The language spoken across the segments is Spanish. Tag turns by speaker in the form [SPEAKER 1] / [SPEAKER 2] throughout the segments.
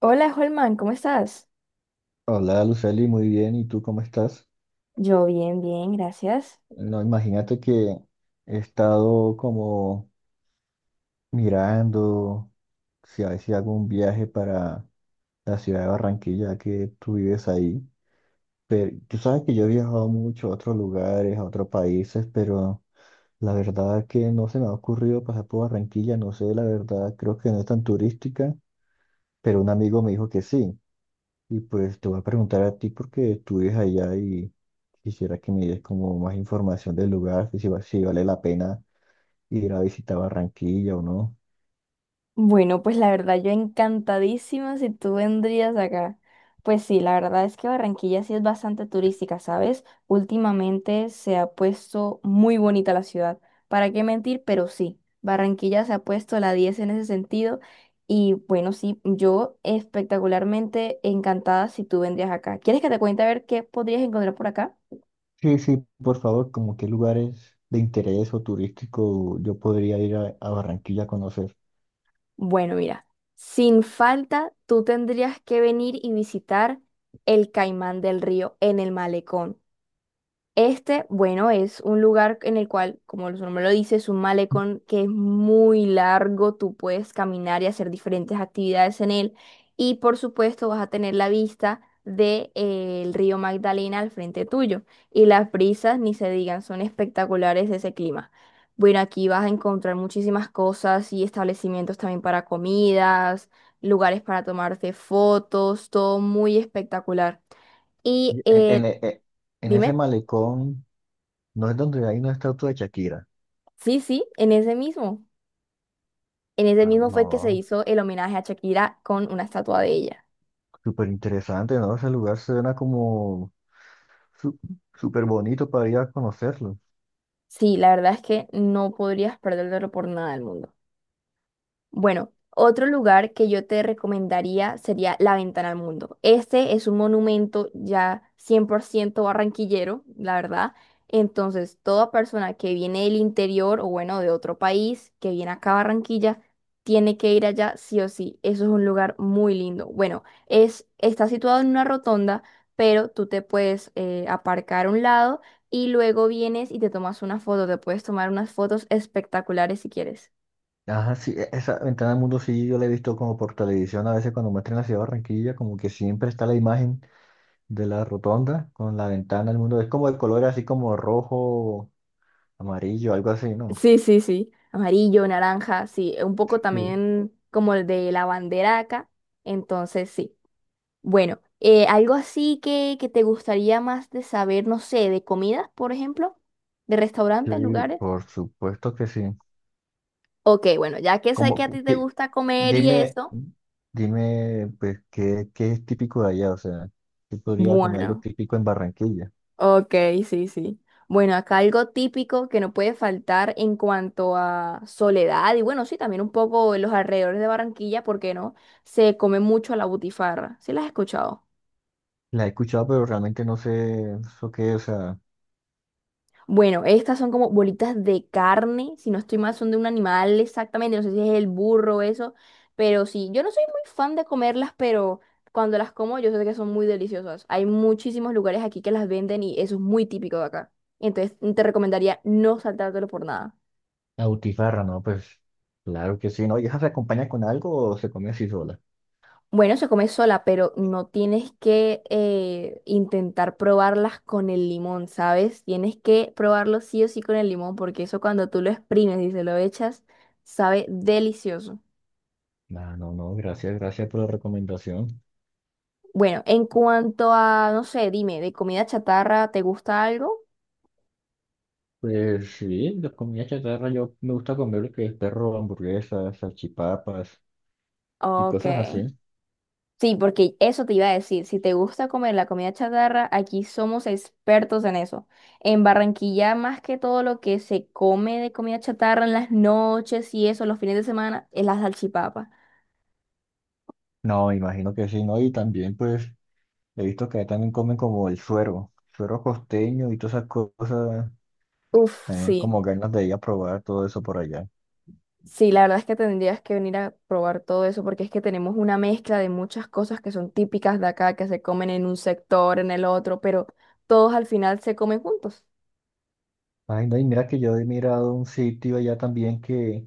[SPEAKER 1] Hola, Holman, ¿cómo estás?
[SPEAKER 2] Hola Luceli, muy bien. ¿Y tú cómo estás?
[SPEAKER 1] Yo bien, bien, gracias.
[SPEAKER 2] No, imagínate que he estado como mirando si a ver si hago un viaje para la ciudad de Barranquilla, que tú vives ahí. Pero tú sabes que yo he viajado mucho a otros lugares, a otros países, pero la verdad que no se me ha ocurrido pasar por Barranquilla. No sé, la verdad, creo que no es tan turística, pero un amigo me dijo que sí. Y pues te voy a preguntar a ti porque tú vives allá y quisiera que me des como más información del lugar, que si, va- si vale la pena ir a visitar Barranquilla o no.
[SPEAKER 1] Bueno, pues la verdad yo encantadísima si tú vendrías acá. Pues sí, la verdad es que Barranquilla sí es bastante turística, ¿sabes? Últimamente se ha puesto muy bonita la ciudad. ¿Para qué mentir? Pero sí, Barranquilla se ha puesto la 10 en ese sentido. Y bueno, sí, yo espectacularmente encantada si tú vendrías acá. ¿Quieres que te cuente a ver qué podrías encontrar por acá?
[SPEAKER 2] Sí, sí, por favor, como qué lugares de interés o turístico yo podría ir a Barranquilla a conocer.
[SPEAKER 1] Bueno, mira, sin falta, tú tendrías que venir y visitar el Caimán del Río en el malecón. Este, bueno, es un lugar en el cual, como su nombre lo dice, es un malecón que es muy largo, tú puedes caminar y hacer diferentes actividades en él y por supuesto vas a tener la vista del río Magdalena al frente tuyo y las brisas, ni se digan, son espectaculares de ese clima. Bueno, aquí vas a encontrar muchísimas cosas y establecimientos también para comidas, lugares para tomarte fotos, todo muy espectacular. Y
[SPEAKER 2] Y En, en
[SPEAKER 1] eh,
[SPEAKER 2] e- e- en ese
[SPEAKER 1] Dime.
[SPEAKER 2] malecón, no es donde hay una estatua de Shakira.
[SPEAKER 1] Sí, sí, en ese mismo. En ese
[SPEAKER 2] Ah,
[SPEAKER 1] mismo fue que se
[SPEAKER 2] no.
[SPEAKER 1] hizo el homenaje a Shakira con una estatua de ella.
[SPEAKER 2] Súper interesante, ¿no? Ese lugar suena como su- súper bonito para ir a conocerlo.
[SPEAKER 1] Sí, la verdad es que no podrías perdértelo por nada del mundo. Bueno, otro lugar que yo te recomendaría sería La Ventana al Mundo. Este es un monumento ya 100% barranquillero, la verdad. Entonces, toda persona que viene del interior o bueno, de otro país, que viene acá a Barranquilla, tiene que ir allá sí o sí. Eso es un lugar muy lindo. Bueno, es, está situado en una rotonda, pero tú te puedes aparcar a un lado y luego vienes y te tomas una foto. Te puedes tomar unas fotos espectaculares si quieres.
[SPEAKER 2] Ajá, sí, esa ventana del mundo sí yo la he visto como por televisión a veces cuando muestran la ciudad de Barranquilla, como que siempre está la imagen de la rotonda con la ventana del mundo. Es como el color así como rojo, amarillo, algo así, ¿no?
[SPEAKER 1] Sí, sí, sí. Amarillo, naranja, sí. Un poco
[SPEAKER 2] Sí,
[SPEAKER 1] también como el de la bandera acá. Entonces, sí. Bueno, algo así que te gustaría más de saber, no sé, de comidas, por ejemplo, de
[SPEAKER 2] sí,
[SPEAKER 1] restaurantes, lugares.
[SPEAKER 2] por supuesto que sí.
[SPEAKER 1] Ok, bueno, ya que sé que
[SPEAKER 2] Como,
[SPEAKER 1] a
[SPEAKER 2] cu-
[SPEAKER 1] ti te
[SPEAKER 2] di-
[SPEAKER 1] gusta comer y
[SPEAKER 2] dime,
[SPEAKER 1] eso,
[SPEAKER 2] dime, pues, ¿ qué es típico de allá? O sea, ¿qué podría comer algo
[SPEAKER 1] bueno.
[SPEAKER 2] típico en Barranquilla?
[SPEAKER 1] Ok, sí, sí. Bueno, acá algo típico que no puede faltar en cuanto a soledad y bueno, sí, también un poco en los alrededores de Barranquilla, ¿por qué no? Se come mucho la butifarra. ¿Sí las has escuchado?
[SPEAKER 2] La he escuchado, pero realmente no sé eso qué es.
[SPEAKER 1] Bueno, estas son como bolitas de carne, si no estoy mal, son de un animal exactamente, no sé si es el burro o eso, pero sí, yo no soy muy fan de comerlas, pero cuando las como yo sé que son muy deliciosas. Hay muchísimos lugares aquí que las venden y eso es muy típico de acá. Entonces, te recomendaría no saltártelo por nada.
[SPEAKER 2] Autifarra, no, pues claro que sí, ¿no? ¿Y esa se acompaña con algo o se come así sola?
[SPEAKER 1] Bueno, se come sola, pero no tienes que intentar probarlas con el limón, ¿sabes? Tienes que probarlo sí o sí con el limón, porque eso cuando tú lo exprimes y se lo echas, sabe delicioso.
[SPEAKER 2] Ah, no, no, gracias, gracias por la recomendación.
[SPEAKER 1] Bueno, en cuanto a, no sé, dime, ¿de comida chatarra te gusta algo?
[SPEAKER 2] Pues sí, la comida chatarra yo me gusta comer lo que es perro, hamburguesas, salchipapas y
[SPEAKER 1] Ok.
[SPEAKER 2] cosas así.
[SPEAKER 1] Sí, porque eso te iba a decir, si te gusta comer la comida chatarra, aquí somos expertos en eso. En Barranquilla, más que todo lo que se come de comida chatarra en las noches y eso, los fines de semana, es la salchipapa.
[SPEAKER 2] No, me imagino que sí, ¿no? Y también pues he visto que ahí también comen como el suero, suero costeño y todas esas cosas,
[SPEAKER 1] Uf, sí.
[SPEAKER 2] como ganas de ir a probar todo eso por allá.
[SPEAKER 1] Sí, la verdad es que tendrías que venir a probar todo eso porque es que tenemos una mezcla de muchas cosas que son típicas de acá, que se comen en un sector, en el otro, pero todos al final se comen juntos.
[SPEAKER 2] Ay, no, y mira que yo he mirado un sitio allá también que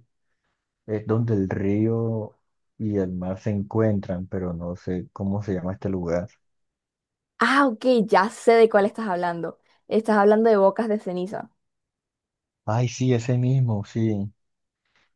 [SPEAKER 2] es donde el río y el mar se encuentran, pero no sé cómo se llama este lugar.
[SPEAKER 1] Ah, ok, ya sé de cuál estás hablando. Estás hablando de bocas de ceniza.
[SPEAKER 2] Ay, sí, ese mismo, sí.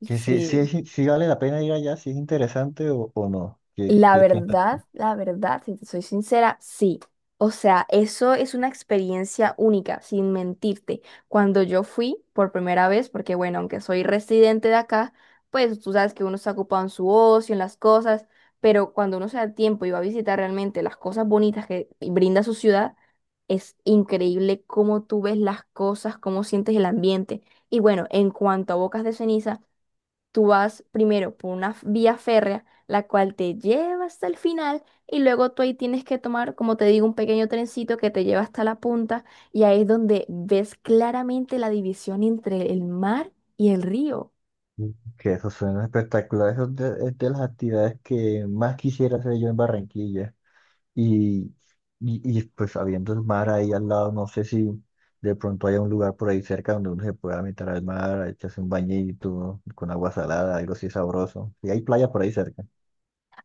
[SPEAKER 2] Que sí, sí,
[SPEAKER 1] Sí.
[SPEAKER 2] es in- sí vale la pena ir allá, si es interesante o no. ¿ qué piensas?
[SPEAKER 1] La verdad, si te soy sincera, sí. O sea, eso es una experiencia única, sin mentirte. Cuando yo fui por primera vez, porque bueno, aunque soy residente de acá, pues tú sabes que uno está ocupado en su ocio, en las cosas, pero cuando uno se da tiempo y va a visitar realmente las cosas bonitas que brinda su ciudad, es increíble cómo tú ves las cosas, cómo sientes el ambiente. Y bueno, en cuanto a Bocas de Ceniza, tú vas primero por una vía férrea, la cual te lleva hasta el final y luego tú ahí tienes que tomar, como te digo, un pequeño trencito que te lleva hasta la punta y ahí es donde ves claramente la división entre el mar y el río.
[SPEAKER 2] Mm. Que eso suena espectacular. Eso es es de las actividades que más quisiera hacer yo en Barranquilla. Y, pues habiendo el mar ahí al lado, no sé si de pronto haya un lugar por ahí cerca donde uno se pueda meter al mar, echarse un bañito con agua salada, algo así sabroso. Y hay playa por ahí cerca.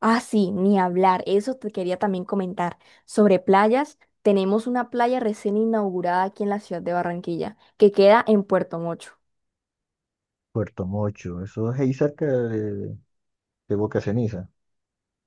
[SPEAKER 1] Ah, sí, ni hablar, eso te quería también comentar. Sobre playas, tenemos una playa recién inaugurada aquí en la ciudad de Barranquilla, que queda en Puerto Mocho.
[SPEAKER 2] Puerto Mocho, eso es ahí cerca de Boca Ceniza.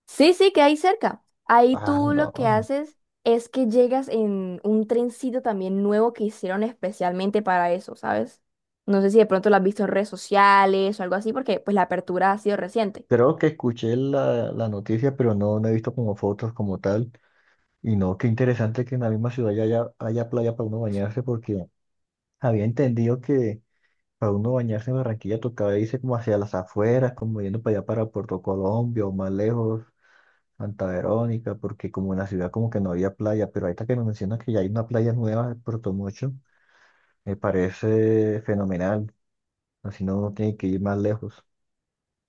[SPEAKER 1] Sí, sí, que hay cerca. Ahí
[SPEAKER 2] Ah,
[SPEAKER 1] tú lo que
[SPEAKER 2] no.
[SPEAKER 1] haces es que llegas en un trencito también nuevo que hicieron especialmente para eso, ¿sabes? No sé si de pronto lo has visto en redes sociales o algo así, porque pues la apertura ha sido reciente.
[SPEAKER 2] Creo que escuché la noticia, pero no, no he visto como fotos como tal. Y no, qué interesante que en la misma ciudad ya haya, haya playa para uno bañarse, porque había entendido que para uno bañarse en Barranquilla tocaba irse como hacia las afueras, como yendo para allá para Puerto Colombia o más lejos, Santa Verónica, porque como en la ciudad como que no había playa, pero ahorita que me mencionas que ya hay una playa nueva en Puerto Mocho, me parece fenomenal, así no uno tiene que ir más lejos.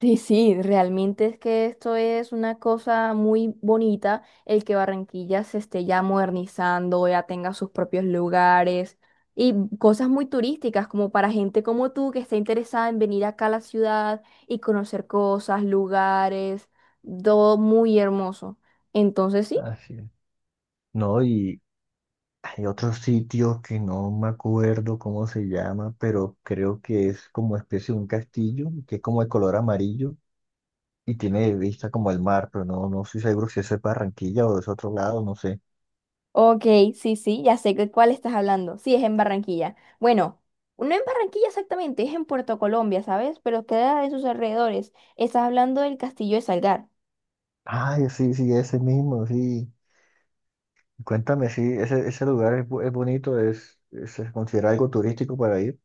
[SPEAKER 1] Sí, sí, realmente es que esto es una cosa muy bonita, el que Barranquilla se esté ya modernizando, ya tenga sus propios lugares y cosas muy turísticas como para gente como tú que está interesada en venir acá a la ciudad y conocer cosas, lugares, todo muy hermoso. Entonces sí,
[SPEAKER 2] Así es. No, y hay otro sitio que no me acuerdo cómo se llama, pero creo que es como especie de un castillo, que es como de color amarillo y tiene vista como el mar, pero no, no estoy seguro si eso es Barranquilla o es otro lado, no sé.
[SPEAKER 1] ok, sí, sí, ya sé de cuál estás hablando. Sí, es en Barranquilla. Bueno, no en Barranquilla exactamente, es en Puerto Colombia, ¿sabes? Pero queda en sus alrededores. Estás hablando del Castillo de Salgar.
[SPEAKER 2] Ay, sí, sí, ese mismo, sí. Cuéntame, sí, ese lugar es, es bonito, se considera algo turístico para ir.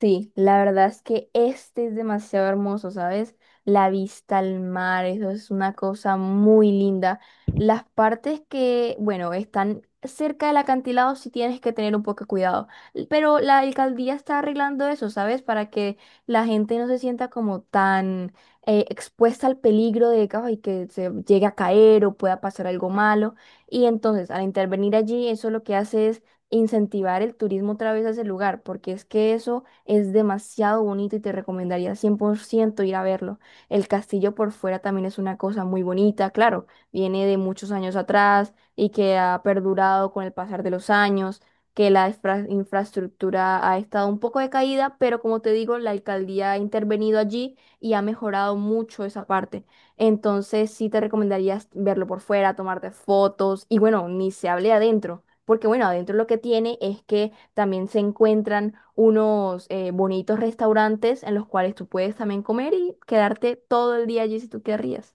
[SPEAKER 1] Sí, la verdad es que este es demasiado hermoso, ¿sabes? La vista al mar, eso es una cosa muy linda. Las partes que, bueno, están cerca del acantilado sí tienes que tener un poco de cuidado, pero la alcaldía está arreglando eso, ¿sabes? Para que la gente no se sienta como tan expuesta al peligro de que, ay, que se llegue a caer o pueda pasar algo malo. Y entonces, al intervenir allí, eso lo que hace es incentivar el turismo otra vez a ese lugar, porque es que eso es demasiado bonito y te recomendaría 100% ir a verlo. El castillo por fuera también es una cosa muy bonita, claro, viene de muchos años atrás y que ha perdurado con el pasar de los años, que la infraestructura ha estado un poco decaída, pero como te digo, la alcaldía ha intervenido allí y ha mejorado mucho esa parte. Entonces sí te recomendaría verlo por fuera, tomarte fotos y bueno, ni se hable adentro, porque bueno, adentro lo que tiene es que también se encuentran unos bonitos restaurantes en los cuales tú puedes también comer y quedarte todo el día allí si tú querrías.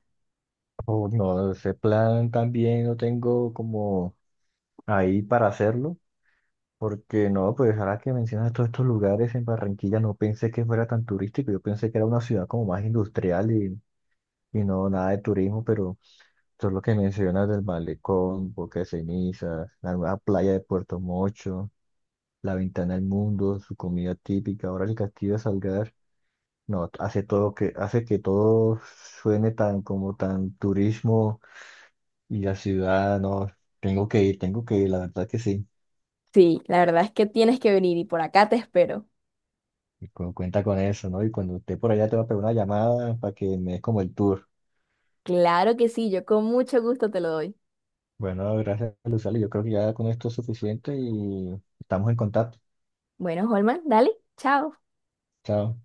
[SPEAKER 2] O no, ese plan también no tengo como ahí para hacerlo, porque no, pues ahora que mencionas todos estos lugares en Barranquilla, no pensé que fuera tan turístico, yo pensé que era una ciudad como más industrial y no nada de turismo, pero... Todo lo que mencionas del malecón, Boca de Cenizas, la nueva playa de Puerto Mocho, la ventana al mundo, su comida típica, ahora el castillo de Salgar, no, hace que todo suene tan como tan turismo y la ciudad, no, tengo que ir, la verdad que sí.
[SPEAKER 1] Sí, la verdad es que tienes que venir y por acá te espero.
[SPEAKER 2] Cuenta con eso, ¿no? Y cuando esté por allá te va a pegar una llamada para que me des como el tour.
[SPEAKER 1] Claro que sí, yo con mucho gusto te lo doy.
[SPEAKER 2] Bueno, gracias, Luzali. Yo creo que ya con esto es suficiente y estamos en contacto.
[SPEAKER 1] Bueno, Holman, dale, chao.
[SPEAKER 2] Chao.